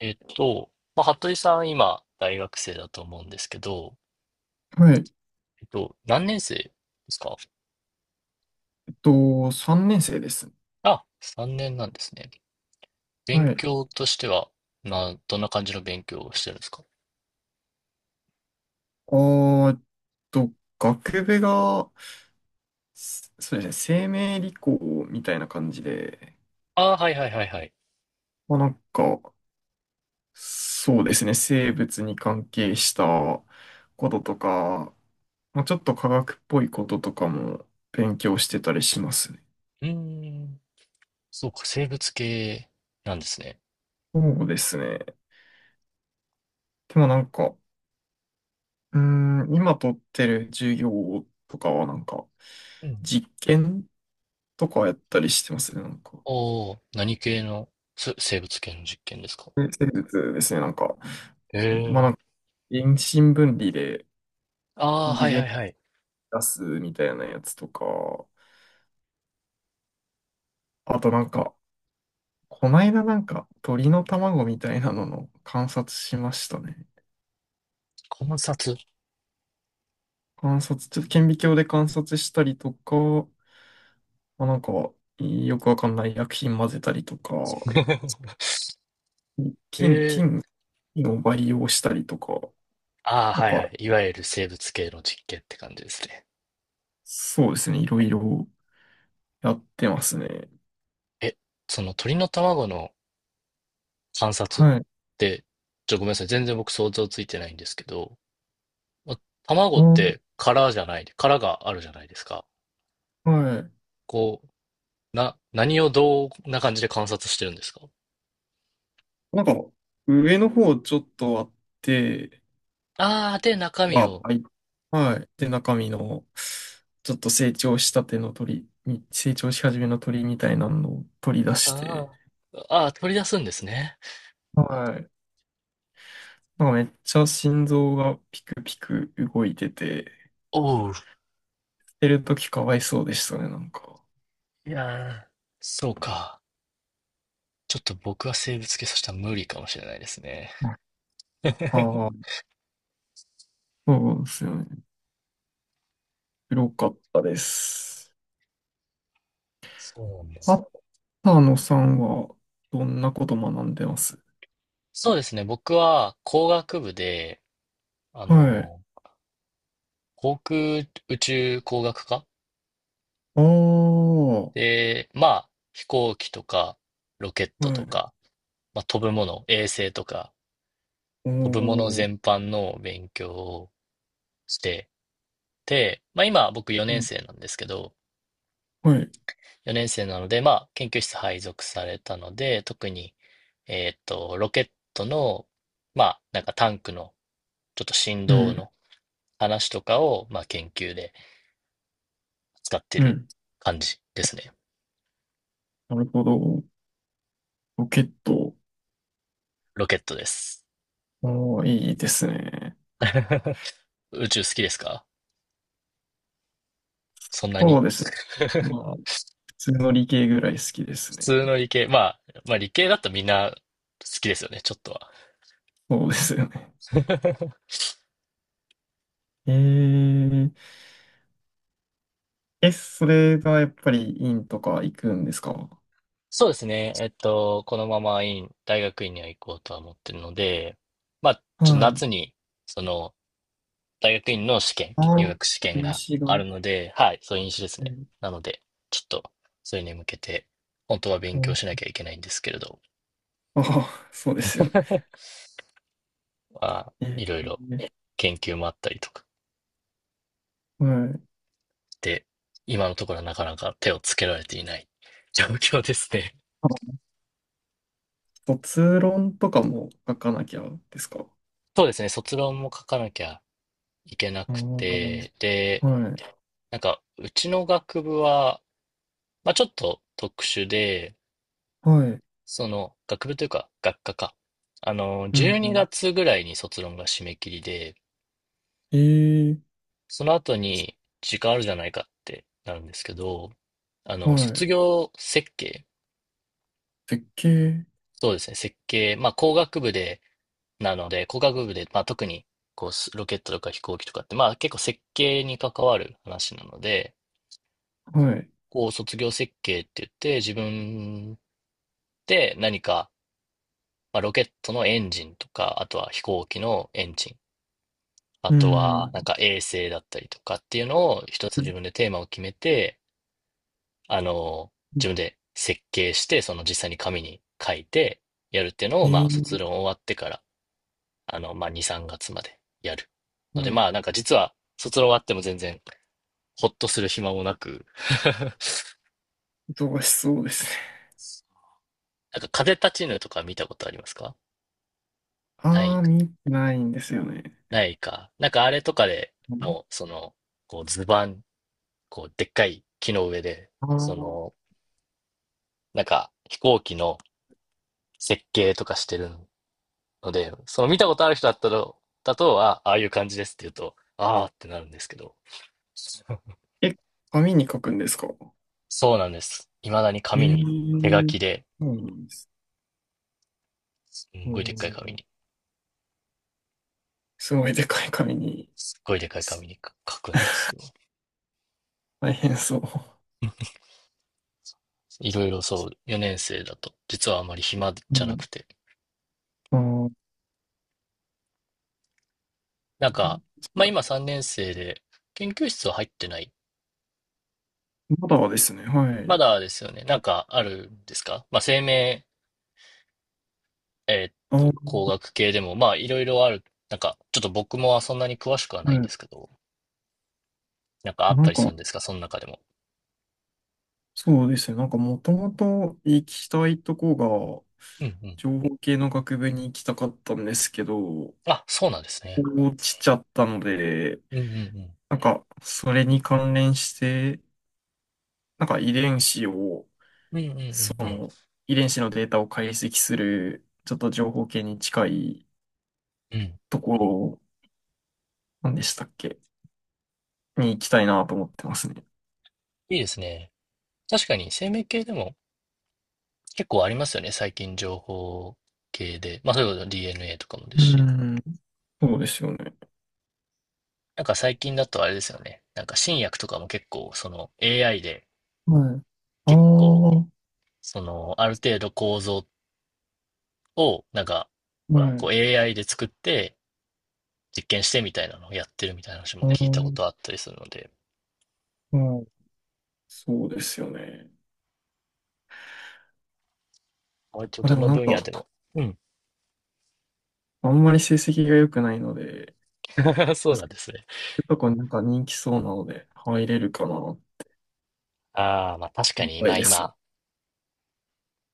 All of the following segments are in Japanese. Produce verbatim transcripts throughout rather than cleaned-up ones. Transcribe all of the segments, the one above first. えっと、まあ、服部さん、今、大学生だと思うんですけど、はい。えっと、何年生ですかえっと、さんねん生です。あ？さんねんなんですね。は勉い。強としては、な、どんな感じの勉強をしてるんですか？あーえっと、学部が、すそうですね、生命理工みたいな感じで、ああー、はいはいはいはい。まあなんか、そうですね、生物に関係したこととか、まあちょっと科学っぽいこととかも勉強してたりしますね。うーん、そうか、生物系なんですね。そうですね。でもなんか、うーん、今取ってる授業とかはなんか、うん。実験とかやったりしてますね、なんか。おー、何系のす生物系の実験ですか？生物ですね、なんか、えまえ。あ、なんか、遠心分離でああー、は遺いは伝いはい。出すみたいなやつとか、あとなんか、こないだなんか、鳥の卵みたいなのの観察しましたね。観察。 観察、ちょっと顕微鏡で観察したりとか、まあ、なんか、よくわかんない薬品混ぜたりとか、え菌、菌え。菌を培養したりとか、ああ、なんはいはか、い。いわゆる生物系の実験って感じですね。そうですね、いろいろやってますね。え、その鳥の卵の観察っはい。て、ちょ、ごめんなさい。全然僕想像ついてないんですけど、まあ卵っー、て殻じゃない、殻があるじゃないですか。はい。こう、な、何をどんな感じで観察してるんですか？なんか、上の方ちょっとあって、ああー、で、中身は、を、はい。はい。で、中身の、ちょっと成長したての鳥に、成長し始めの鳥みたいなのを取り出しあて、ーあー、取り出すんですね。はい。なんかめっちゃ心臓がピクピク動いてて、おう。捨てるときかわいそうでしたね、なんか。いやー、そうか。ちょっと僕は生物系そしたら無理かもしれないですね。ああ、そうですよね。黒かったです。そうなんだ。あったのさんは、どんなこと学んでます？そうですね。僕は工学部で、あはい。の、航空宇宙工学科ああ、はで、まあ、飛行機とか、ロケットとい。か、まあ、飛ぶもの、衛星とか、飛ぶものお全ー、般の勉強をしてて、まあ、今僕よねん生なんですけど、はい。よねん生なので、まあ、研究室配属されたので、特に、えーっと、ロケットの、まあ、なんかタンクの、ちょっと振う動ん、の話とかを、まあ、研究で使ってうるん。感じですね。なるほど。ロケット。ロケットです。おー、いいですね。宇宙好きですか？そんなそに？うです。まあ、普通の理系ぐらい好きです普ね。通の理系、まあ、まあ理系だとみんな好きですよね、ちょっとそうですよね。は。えー、え、それがやっぱり院とか行くんですか？そうですね。えっと、このまま院、大学院には行こうとは思ってるので、まあ、ちょっとはい。夏に、その、大学院の試験、あ入あ、学試験が a あが。るので、はい、そういう飲酒ですえね。ーなので、ちょっと、それに向けて、本当は勉強しなときゃいけないんですけれど、ああ、そうですよね。まあ、いえろいろ研究もあったりとかー、はい。で、今のところはなかなか手をつけられていない状況ですね。あ、卒論とかも書かなきゃですか？そうですね、卒論も書かなきゃいけなああくー、て、で、はい。なんか、うちの学部は、まあちょっと特殊で、はい。その、学部というか、学科か。あの、う12ん。月ぐらいに卒論が締め切りで、ええ。その後に時間あるじゃないかってなるんですけど、あはの、い。卒業設計、絶景、そうですね、設計、まあ工学部で、なので、工学部で、まあ特に、こう、ロケットとか飛行機とかって、まあ結構設計に関わる話なので、はい。こう、卒業設計って言って、自分で何か、まあ、ロケットのエンジンとか、あとは飛行機のエンジン、あうとはん。なんか衛星だったりとかっていうのを一つ自分でテーマを決めて、あの、自分で設計して、その実際に紙に書いてやるっていうのを、まえあ、卒え。論終わってから、あの、まあ、に、さんがつまでやる。のはで、い。まあ、なんか実は、卒論終わっても全然、ほっとする暇もなく、忙しそうですね。なんか風立ちぬとか見たことありますか？ なあい。あ、見てないんですよね。ないか。なんかあれとかでもう、その、こう図板、こうでっかい木の上で、ああそー、の、なんか飛行機の設計とかしてるので、その見たことある人だったら、だとは、ああいう感じですって言うと、ああってなるんですけど。え、紙に書くんですか？そうなんです。未だに紙えに、手書え。きで、そうなんです。すんうごいでっん。かい紙に、すごいでかい紙に。すっごいでっかい紙に書くんですよ。大変そう。いろいろそう、よねん生だと、実はあまり暇うじゃなくん。て。ああ、そなんか、まうあだ。今さんねん生で、研究室は入ってない。まだですね。はまい。だですよね。なんかあるんですか？まあ、生命、えーっあと、ー、工学系でも、まあ、いろいろある。なんか、ちょっと僕もそんなに詳しくはなはいんでい。すけど、なんかああ、っなたんりすか、るんですか、その中でも？そうですね。なんかもともと行きたいとこが、うんうん。情報系の学部に行きたかったんですけど、あ、そうなんですね。落ちちゃったので、うんうんなんかそれに関連して、なんか遺伝子を、うん。うんうんうんうそん。の遺伝子のデータを解析する、ちょっと情報系に近いうん。ところ、なんでしたっけ、に行きたいなと思ってますね。いいですね。確かに生命系でも結構ありますよね。最近情報系で。まあ、そういうこと ディーエヌエー とかもですうし。ん。そうですよね。なんか最近だとあれですよね。なんか新薬とかも結構、その エーアイ ではい。あ結あ、構、はい。その、ある程度構造を、なんか、こう エーアイ で作って実験してみたいなのをやってるみたいな話あも聞いたこー、とあったりするので、はい。そうですよね。割とまあ、でどものなん分か、野でも。うん。あんまり成績が良くないので、そうそなんですね。ういうとこになんか人気そうなので入れるかな。ああ、まあ確いかっに、ぱい今です。今、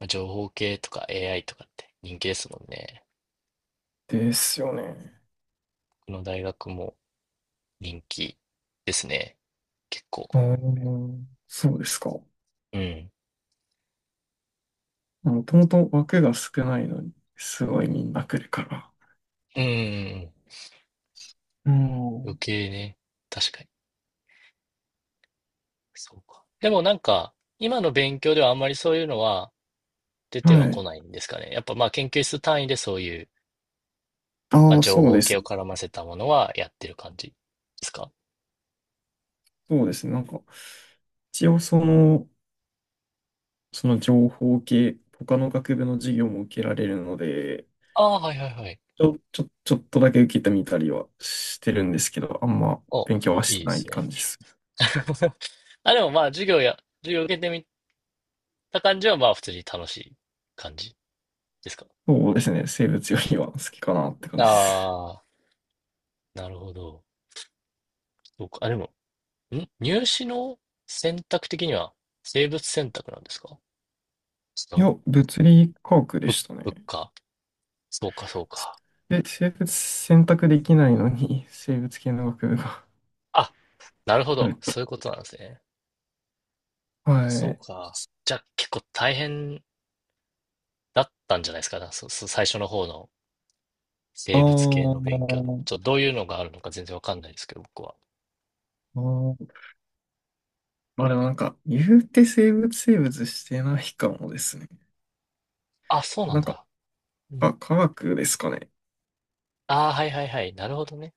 情報系とか エーアイ とかって人気ですもんね。ですよね。この大学も人気ですね。結構。うーん、そうですか。うん。もともと枠が少ないのに、すごいみんな来るから。うん、うんうんう余ん。計ね。確かに。そうか。でもなんか、今の勉強ではあんまりそういうのは出てははこい。ないんですかね。やっぱまあ研究室単位でそういうまあ、ああ、情そう報で系す。を絡ませたものはやってる感じですか？そうですね。なんか、一応その、その情報系、他の学部の授業も受けられるので、ああー、はいはいはい。ちょ、ちょ、ちょっとだけ受けてみたりはしてるんですけど、あんまお、勉強はしいいてでないす感ね。じです。あ、でもまあ、授業や、授業受けてみた感じは、まあ、普通に楽しい感じですか？そうですね。生物よりは好きかなって感じです。ああー、なるほど。そうか。あ、でも、ん入試の選択的には、生物選択なんですか？違いや、う？物理科学でぶした物ね。価そうか、そうか。で、生物選択できないのに、生物系の学部があ、なるほあるっど。て。そういうことなんですね。はそうい。か。じゃあ、結構大変だったんじゃないですか、そそ最初の方の。あ生物系の勉強。ちょっー、とどういうのがあるのか全然わかんないですけど、僕は。あー、まあでもなんか、言うて生物生物してないかもですね。あ、そうなんなんか、だ。うあ、ん。科学ですかね。ああ、はいはいはい。なるほどね。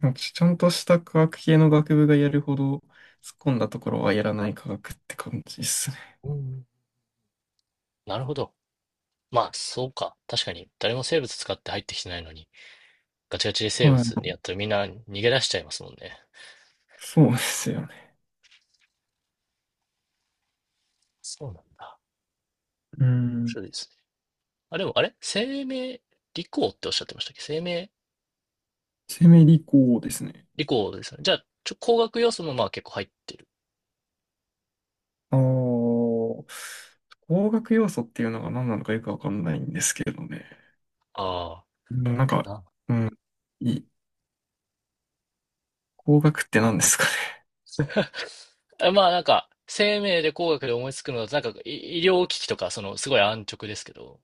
なんかちゃんとした科学系の学部がやるほど突っ込んだところはやらない科学って感じですね。うん。なるほど。まあ、そうか。確かに、誰も生物使って入ってきてないのに、ガチガチで生は物い。にやったらみんな逃げ出しちゃいますもんね。そうですよね。そうなんだ。う面ん。白いですね。あ、でも、あれ生命理工っておっしゃってましたっけ？生命生命理工ですね。理工ですよね。じゃあ、ちょ、工学要素もまあ結構入ってる。ああ、工学要素っていうのが何なのかよくわかんないんですけどね。ああ。うんなんか、なうん。いい。工学って何ですかね。まあなんか、生命で工学で思いつくのだと、なんか医医療機器とか、そのすごい安直ですけど、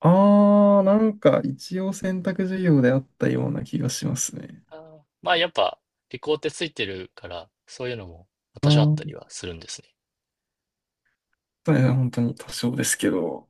ああ、なんか一応選択授業であったような気がしますね。あーまあやっぱ、理工ってついてるから、そういうのもあ私はあっあ、たりはするんですね。そうですね、本当に多少ですけど。